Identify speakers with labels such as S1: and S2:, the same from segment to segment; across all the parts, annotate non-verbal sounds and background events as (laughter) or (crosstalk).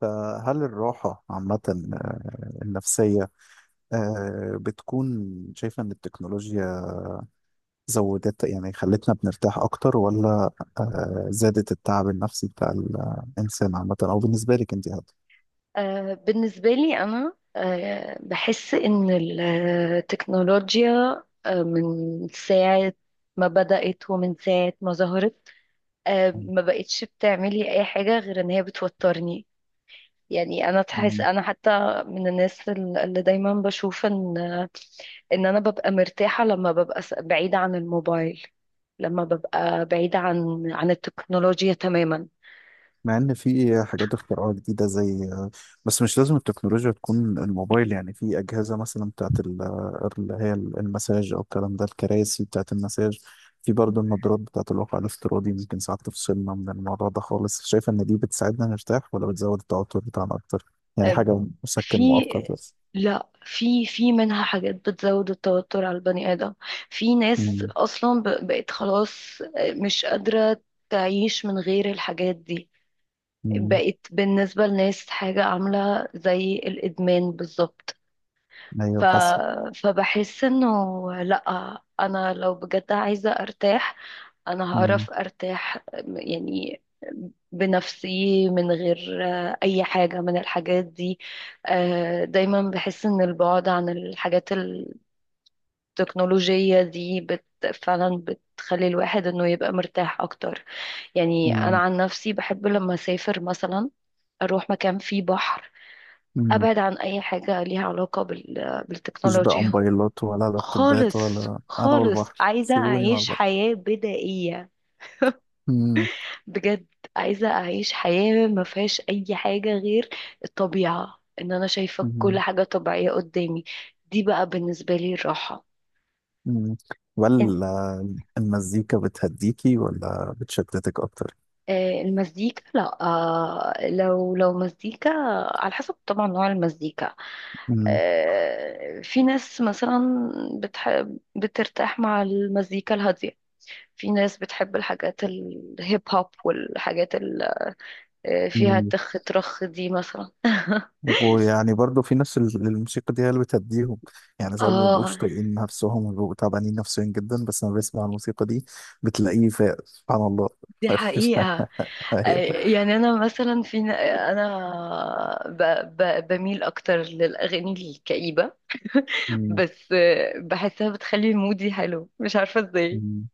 S1: فهل الراحة عامة آه، النفسية بتكون شايفة إن التكنولوجيا زودت يعني خلتنا بنرتاح أكتر ولا زادت التعب النفسي بتاع الإنسان عامة أو بالنسبة لك أنت
S2: بالنسبة لي أنا بحس إن التكنولوجيا من ساعة ما بدأت ومن ساعة ما ظهرت
S1: هذا؟
S2: ما بقتش بتعملي أي حاجة غير إن هي بتوترني. يعني أنا تحس أنا حتى من الناس اللي دايما بشوف إن أنا ببقى مرتاحة لما ببقى بعيدة عن الموبايل، لما ببقى بعيدة عن التكنولوجيا تماما.
S1: مع ان في حاجات اختراعات جديده زي بس مش لازم التكنولوجيا تكون الموبايل، يعني في اجهزه مثلا بتاعت اللي هي المساج او الكلام ده الكراسي بتاعت المساج. في برضه النظارات بتاعت الواقع الافتراضي، ممكن ساعات تفصلنا من الموضوع ده خالص. شايف ان دي بتساعدنا نرتاح ولا بتزود التوتر بتاعنا اكتر؟ يعني
S2: آه،
S1: حاجه
S2: في
S1: مسكن مؤقت بس.
S2: لا، في منها حاجات بتزود التوتر على البني آدم. في ناس
S1: مم.
S2: أصلا بقت خلاص مش قادرة تعيش من غير الحاجات دي.
S1: مم.
S2: بقت بالنسبة لناس حاجة عاملة زي الإدمان بالظبط. ف...
S1: ايوه بس.
S2: فبحس إنه لأ، أنا لو بجد عايزة أرتاح انا
S1: مم.
S2: هعرف ارتاح يعني بنفسي من غير اي حاجة من الحاجات دي. دايما بحس ان البعد عن الحاجات التكنولوجية دي فعلا بتخلي الواحد انه يبقى مرتاح اكتر. يعني انا
S1: مم.
S2: عن نفسي بحب لما اسافر مثلا اروح مكان فيه بحر،
S1: مم.
S2: ابعد عن اي حاجة ليها علاقة
S1: مفيش بقى
S2: بالتكنولوجيا.
S1: موبايلات ولا لابتوبات،
S2: خالص
S1: ولا انا
S2: خالص
S1: والبحر
S2: عايزة
S1: سيبوني مع
S2: اعيش
S1: البحر.
S2: حياة بدائية
S1: مم.
S2: بجد. عايزة أعيش حياة ما فيهاش أي حاجة غير الطبيعة، إن أنا شايفة كل
S1: مم.
S2: حاجة طبيعية قدامي. دي بقى بالنسبة لي الراحة.
S1: مم.
S2: إن-
S1: ولا المزيكا بتهديكي ولا بتشتتك اكتر؟
S2: المزيكا، لا، لو مزيكا على حسب طبعا نوع المزيكا.
S1: مم.
S2: في ناس مثلا بتحب بترتاح مع المزيكا الهادية، في ناس بتحب الحاجات الهيب هوب والحاجات اللي فيها
S1: مم.
S2: تخ ترخ دي مثلا.
S1: ويعني برضو في ناس الموسيقى دي هي اللي بتهديهم. يعني ساعات ما
S2: اه،
S1: بيبقوش طايقين نفسهم وبيبقوا تعبانين نفسيا جدا، بس لما بيسمع الموسيقى دي بتلاقيه فاق سبحان الله.
S2: دي
S1: (laughs)
S2: حقيقة.
S1: أيوة.
S2: يعني انا مثلا انا بميل اكتر للاغاني الكئيبه.
S1: مم.
S2: بس بحسها بتخلي مودي حلو مش عارفه ازاي،
S1: مم.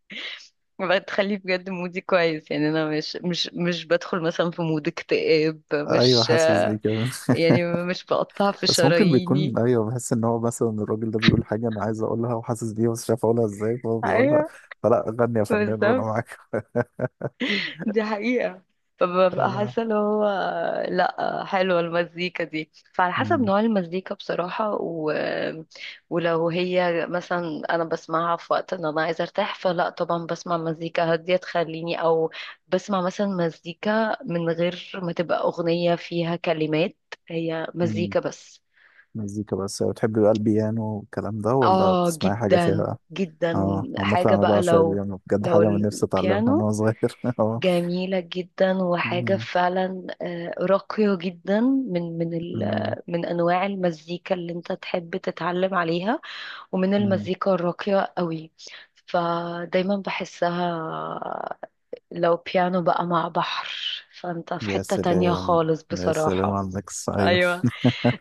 S2: بتخلي بجد مودي كويس. يعني انا مش بدخل مثلا في مود اكتئاب،
S1: ايوه
S2: مش
S1: حاسس بيه كمان.
S2: يعني مش بقطع في
S1: بس ممكن
S2: شراييني.
S1: بيكون، ايوه بحس ان هو مثلا الراجل ده بيقول حاجه انا عايز اقولها وحاسس بيها بس مش عارف اقولها ازاي، فهو بيقولها.
S2: ايوه
S1: فلا غني يا فنان وانا
S2: بالظبط،
S1: معاك.
S2: دي حقيقة. فببقى
S1: آه.
S2: حاسة اللي هو لأ حلوة المزيكا دي، فعلى حسب
S1: مم.
S2: نوع المزيكا بصراحة. ولو هي مثلا أنا بسمعها في وقت إن أنا عايزة أرتاح فلأ طبعا بسمع مزيكا هادية تخليني بسمع مثلا مزيكا من غير ما تبقى أغنية فيها كلمات، هي
S1: مم.
S2: مزيكا بس.
S1: مزيكا بس. بتحبي بقى البيانو والكلام ده ولا
S2: آه
S1: بتسمعي حاجة فيها
S2: جدا
S1: بقى؟
S2: جدا.
S1: اه، عامة
S2: حاجة
S1: أنا
S2: بقى
S1: بعشق
S2: لو
S1: البيانو بجد،
S2: لو
S1: حاجة من نفسي أتعلمها من
S2: البيانو
S1: وأنا صغير. (laughs) اه.
S2: جميلة جدا، وحاجة
S1: أمم،
S2: فعلا راقية جدا،
S1: أمم،
S2: من أنواع المزيكا اللي أنت تحب تتعلم عليها، ومن
S1: أمم.
S2: المزيكا الراقية قوي. فدايما بحسها لو بيانو بقى مع بحر فأنت في
S1: يا
S2: حتة تانية
S1: سلام،
S2: خالص
S1: يا سلام
S2: بصراحة.
S1: على الميكس. أيوه
S2: أيوة.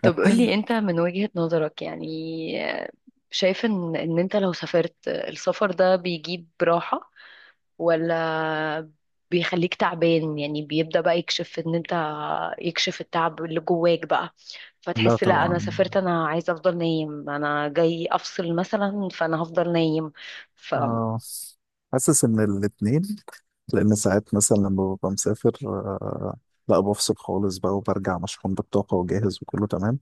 S2: طب قولي أنت من وجهة نظرك يعني، آه، شايف إن أنت لو سافرت السفر ده بيجيب راحة ولا بيخليك تعبان؟ يعني بيبدأ بقى يكشف ان انت يكشف التعب اللي جواك بقى،
S1: لا
S2: فتحس لا انا
S1: طبعا.
S2: سافرت انا عايزة افضل نايم، انا جاي افصل مثلا فانا هفضل نايم. ف
S1: اه، حاسس إن الاتنين. لأن ساعات مثلا لما ببقى مسافر لا بفصل خالص بقى وبرجع مشحون بالطاقة وجاهز وكله تمام.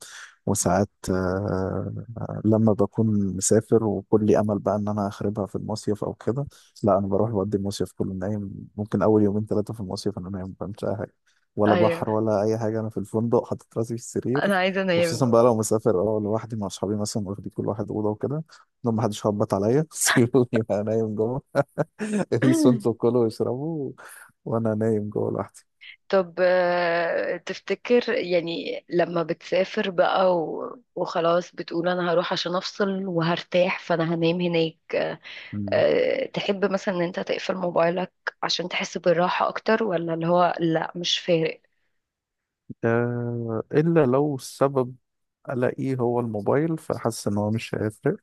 S1: وساعات لما بكون مسافر وكل امل بقى ان انا اخربها في المصيف او كده، لا انا بروح بقضي المصيف كله نايم. ممكن اول يومين ثلاثه في المصيف انا نايم ما بعملش اي حاجه، ولا
S2: ايوه،
S1: بحر ولا اي حاجه. انا في الفندق حاطط راسي في السرير.
S2: انا عايزة
S1: وخصوصا بقى
S2: انام.
S1: لو مسافر اه لوحدي مع اصحابي مثلا واخدين كل واحد اوضه وكده، لو ما حدش خبط عليا (laughs) سيبوني بقى نايم جوه. (laughs) قيسوا انتوا
S2: (clears throat)
S1: كلوا واشربوا وانا نايم جوه لوحدي.
S2: طب تفتكر يعني لما بتسافر بقى وخلاص بتقول انا هروح عشان افصل وهرتاح فانا هنام هناك،
S1: مم.
S2: تحب مثلا ان انت تقفل موبايلك عشان تحس بالراحة اكتر، ولا اللي هو لا مش فارق؟
S1: إلا لو السبب ألاقيه هو الموبايل فحاسس إن هو مش هيفرق.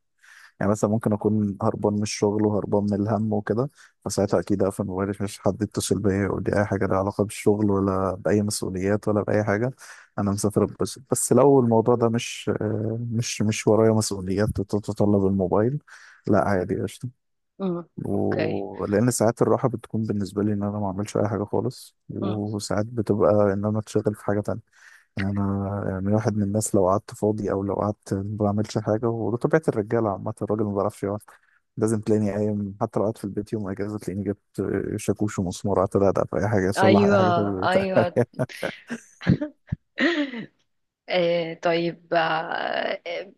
S1: يعني مثلا ممكن اكون هربان من الشغل وهربان من الهم وكده، فساعتها اكيد اقفل موبايلي مش حد يتصل بيا يقول لي اي حاجه لها علاقه بالشغل ولا باي مسؤوليات ولا باي حاجه. انا مسافر اتبسط. بس لو الموضوع ده مش ورايا مسؤوليات تتطلب الموبايل، لا عادي قشطه.
S2: امم اوكي.
S1: ولان ساعات الراحه بتكون بالنسبه لي ان انا ما اعملش اي حاجه خالص،
S2: امم
S1: وساعات بتبقى ان انا اتشغل في حاجه تانية. يعني أنا، يعني واحد من الناس لو قعدت فاضي أو لو قعدت ما بعملش حاجة، وده طبيعة الرجالة عامة، الراجل ما بيعرفش يقعد. لازم تلاقيني قايم، حتى لو قعدت في البيت يوم أجازة تلاقيني جبت شاكوش ومسمار قعدت أدقدق في أي حاجة أصلح أي
S2: ايوه،
S1: حاجة في البيت.
S2: ايوه.
S1: (laughs)
S2: طيب.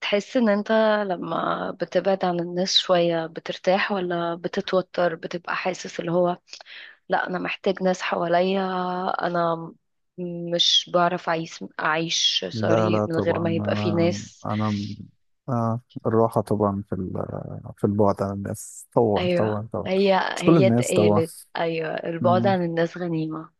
S2: بتحس ان انت لما بتبعد عن الناس شوية بترتاح ولا بتتوتر؟ بتبقى حاسس اللي هو لا انا محتاج ناس حواليا، انا مش بعرف اعيش
S1: لا
S2: سوري
S1: لا
S2: من غير
S1: طبعا.
S2: ما يبقى في
S1: أنا
S2: ناس؟
S1: أنا آه الراحة طبعا في في البعد عن الناس، طبعا
S2: ايوه،
S1: طبعا طبعا.
S2: هي،
S1: مش كل
S2: هي
S1: الناس
S2: اتقالت ايوه البعد
S1: طبعا.
S2: عن الناس غنيمة.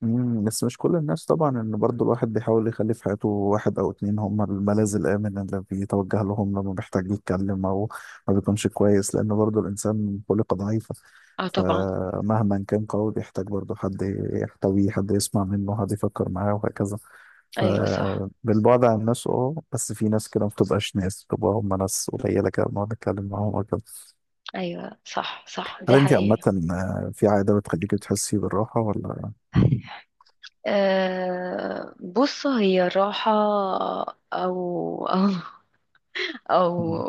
S1: مم، بس مش كل الناس طبعا، ان برضو الواحد بيحاول يخلي في حياته واحد او اتنين هم الملاذ الامن اللي بيتوجه لهم لما بيحتاج يتكلم او ما بيكونش كويس، لان برضو الانسان خلقه ضعيفة.
S2: اه طبعا.
S1: فمهما كان قوي بيحتاج برضو حد يحتويه، حد يسمع منه، حد يفكر معاه وهكذا.
S2: ايوه صح،
S1: فبالبعد عن الناس اه، بس في ناس كده ما بتبقاش ناس، بتبقى هم ناس قليلة كده بنقعد نتكلم معاهم وكده.
S2: ايوه صح صح،
S1: هل
S2: دي
S1: انت عامة
S2: حقيقة.
S1: في عادة بتخليكي تحسي بالراحة ولا؟
S2: أه بص، هي الراحة، او او او
S1: مم.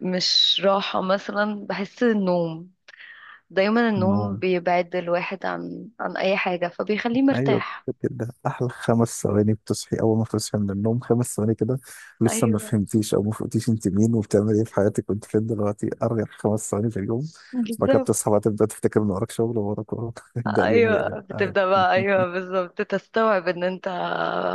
S2: مش راحة، مثلا بحس النوم. دايما النوم
S1: نوم،
S2: بيبعد الواحد عن اي حاجة فبيخليه
S1: ايوه.
S2: مرتاح.
S1: كده احلى خمس ثواني بتصحي اول ما تصحي من النوم، خمس ثواني كده لسه ما
S2: ايوه
S1: فهمتيش او ما فهمتيش انت مين وبتعمل ايه في حياتك وانت فين دلوقتي. ارجع خمس ثواني في اليوم. بعد كده
S2: بالظبط.
S1: بتصحى بقى تبدا تفتكر ان وراك شغل وراك وراك (laughs) يبدا اليوم يقلب
S2: ايوه
S1: عادي.
S2: بتبدأ بقى، ايوه
S1: (laughs)
S2: بالظبط، تستوعب ان انت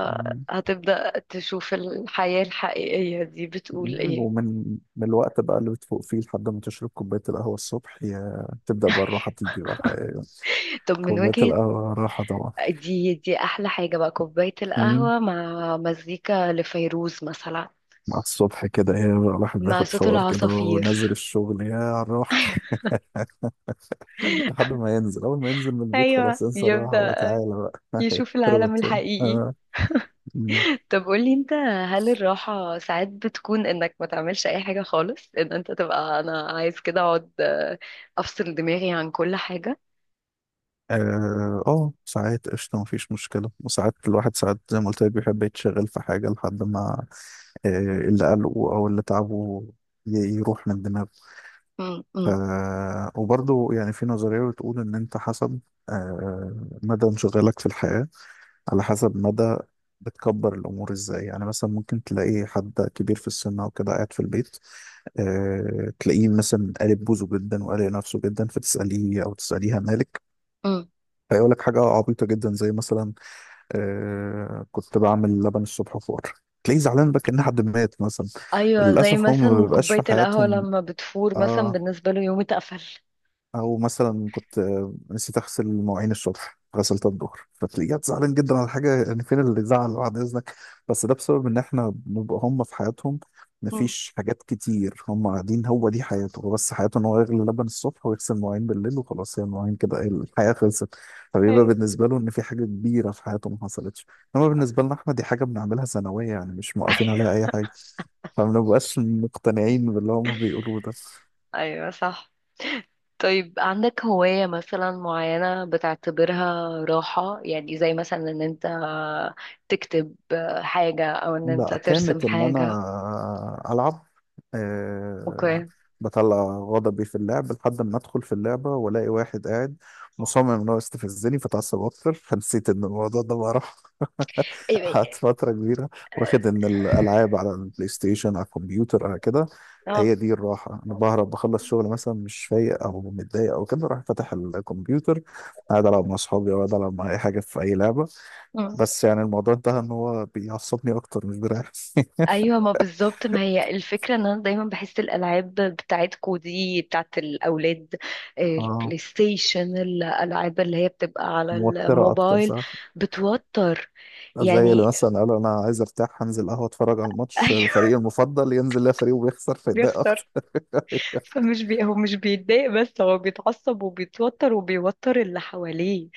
S1: مم.
S2: هتبدأ تشوف الحياة الحقيقية دي بتقول ايه.
S1: ومن الوقت بقى اللي بتفوق فيه لحد ما تشرب كوبايه القهوه الصبح، يا تبدا بقى الراحه
S2: (laughs)
S1: تيجي بقى الحقيقه.
S2: طب من
S1: كوبايه
S2: وجهة.
S1: القهوه الراحه طبعا.
S2: دي احلى حاجة بقى، كوباية
S1: مم.
S2: القهوة مع مزيكا لفيروز مثلا.
S1: مع الصبح كده ايه، بقى الواحد
S2: مع
S1: بياخد
S2: صوت
S1: شاور كده ونازل
S2: العصافير.
S1: الشغل، يا الراحه. لحد ما ينزل اول ما ينزل من البيت
S2: ايوه
S1: خلاص انسى الراحه بقى،
S2: يبدأ
S1: تعالى بقى (laughs)
S2: يشوف العالم
S1: اتربط تاني
S2: الحقيقي.
S1: اه. م.
S2: طب قولي انت، هل الراحة ساعات بتكون انك ما تعملش اي حاجة خالص، ان انت تبقى انا عايز كده اقعد افصل دماغي عن كل حاجة؟
S1: اه ساعات قشطه مفيش مشكله. وساعات الواحد ساعات زي ما قلت لك بيحب يتشغل في حاجه لحد ما آه، اللي قلقه او اللي تعبه ي- يروح من دماغه.
S2: مم.
S1: ف...
S2: مم.
S1: وبرضه يعني في نظريه بتقول ان انت حسب آه، مدى انشغالك في الحياه، على حسب مدى بتكبر الامور ازاي. يعني مثلا ممكن تلاقي حد كبير في السن او كده قاعد في البيت تلاقيه مثلا قالب بوزه جدا وقالق نفسه جدا، فتسأليه أو تسأليها مالك،
S2: مم.
S1: فيقول لك حاجة عبيطة جدا زي مثلا كنت بعمل لبن الصبح فور. تلاقيه زعلان بقى كأن حد مات مثلا.
S2: ايوه، زي
S1: للأسف هم ما
S2: مثلا
S1: بيبقاش في
S2: كوبايه القهوه
S1: حياتهم
S2: لما بتفور مثلا
S1: اه،
S2: بالنسبه له يوم اتقفل.
S1: او مثلا كنت نسيت اغسل مواعين الصبح غسلتها الظهر، فتلاقيها زعلان جدا على حاجه. يعني فين اللي زعل بعد اذنك؟ بس ده بسبب ان احنا بنبقى هم في حياتهم،
S2: مم.
S1: مفيش حاجات كتير هم قاعدين، هو دي حياته هو، بس حياته ان هو يغلي لبن الصبح ويغسل مواعين بالليل وخلاص. هي المواعين كده إيه، الحياه خلصت. فبيبقى
S2: أيوة.
S1: بالنسبه له ان في حاجه كبيره في حياته ما حصلتش. انما بالنسبه لنا احنا دي حاجه بنعملها سنويه، يعني مش موقفين عليها
S2: (laughs)
S1: اي حاجه. فما بنبقاش مقتنعين باللي هم بيقولوه ده.
S2: ايوه صح. طيب عندك هوايه مثلا معينه بتعتبرها راحه؟ يعني زي مثلا ان انت تكتب حاجه، او ان انت
S1: لا
S2: ترسم
S1: كانت ان
S2: حاجه؟
S1: انا العب. أه
S2: اوكي.
S1: بطلع غضبي في اللعب، لحد ما ادخل في اللعبه والاقي واحد قاعد مصمم ان هو يستفزني فتعصب اكتر (laughs) فنسيت ان الموضوع ده بقى. (laughs)
S2: أيوة.
S1: قعدت فتره كبيره واخد ان الالعاب على البلاي ستيشن على الكمبيوتر على كده.
S2: اه.
S1: هي دي الراحه، انا بهرب بخلص شغل مثلا مش فايق او متضايق او كده، اروح فاتح الكمبيوتر قاعد العب مع اصحابي او قاعد العب مع اي حاجه في اي لعبه. بس يعني الموضوع انتهى ان هو بيعصبني اكتر مش بيريحني. (laughs)
S2: ايوه، ما بالظبط، ما هي الفكره ان انا دايما بحس الالعاب بتاعتكو دي بتاعت الاولاد،
S1: اه
S2: البلاي ستيشن، الالعاب اللي هي بتبقى على
S1: موترة اكتر
S2: الموبايل،
S1: صح.
S2: بتوتر
S1: زي اللي
S2: يعني.
S1: مثلا قالوا انا عايز ارتاح هنزل قهوة اتفرج على
S2: (laughs)
S1: الماتش
S2: ايوه،
S1: فريقي المفضل، ينزل لا فريقه بيخسر فيتضايق اكتر.
S2: بيخسر.
S1: (laughs)
S2: فمش هو مش بيتضايق بس، هو بيتعصب وبيتوتر وبيوتر اللي حواليه،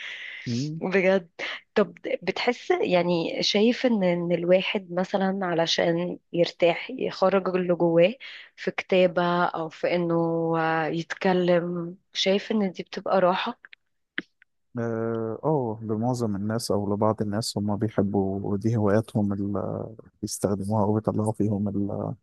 S1: مم.
S2: بجد. طب، بتحس يعني، شايف ان الواحد مثلا علشان يرتاح يخرج اللي جواه في كتابة او في انه يتكلم، شايف ان دي بتبقى راحة؟
S1: اه لمعظم الناس او لبعض الناس هم بيحبوا دي هواياتهم اللي بيستخدموها وبيطلعوا فيهم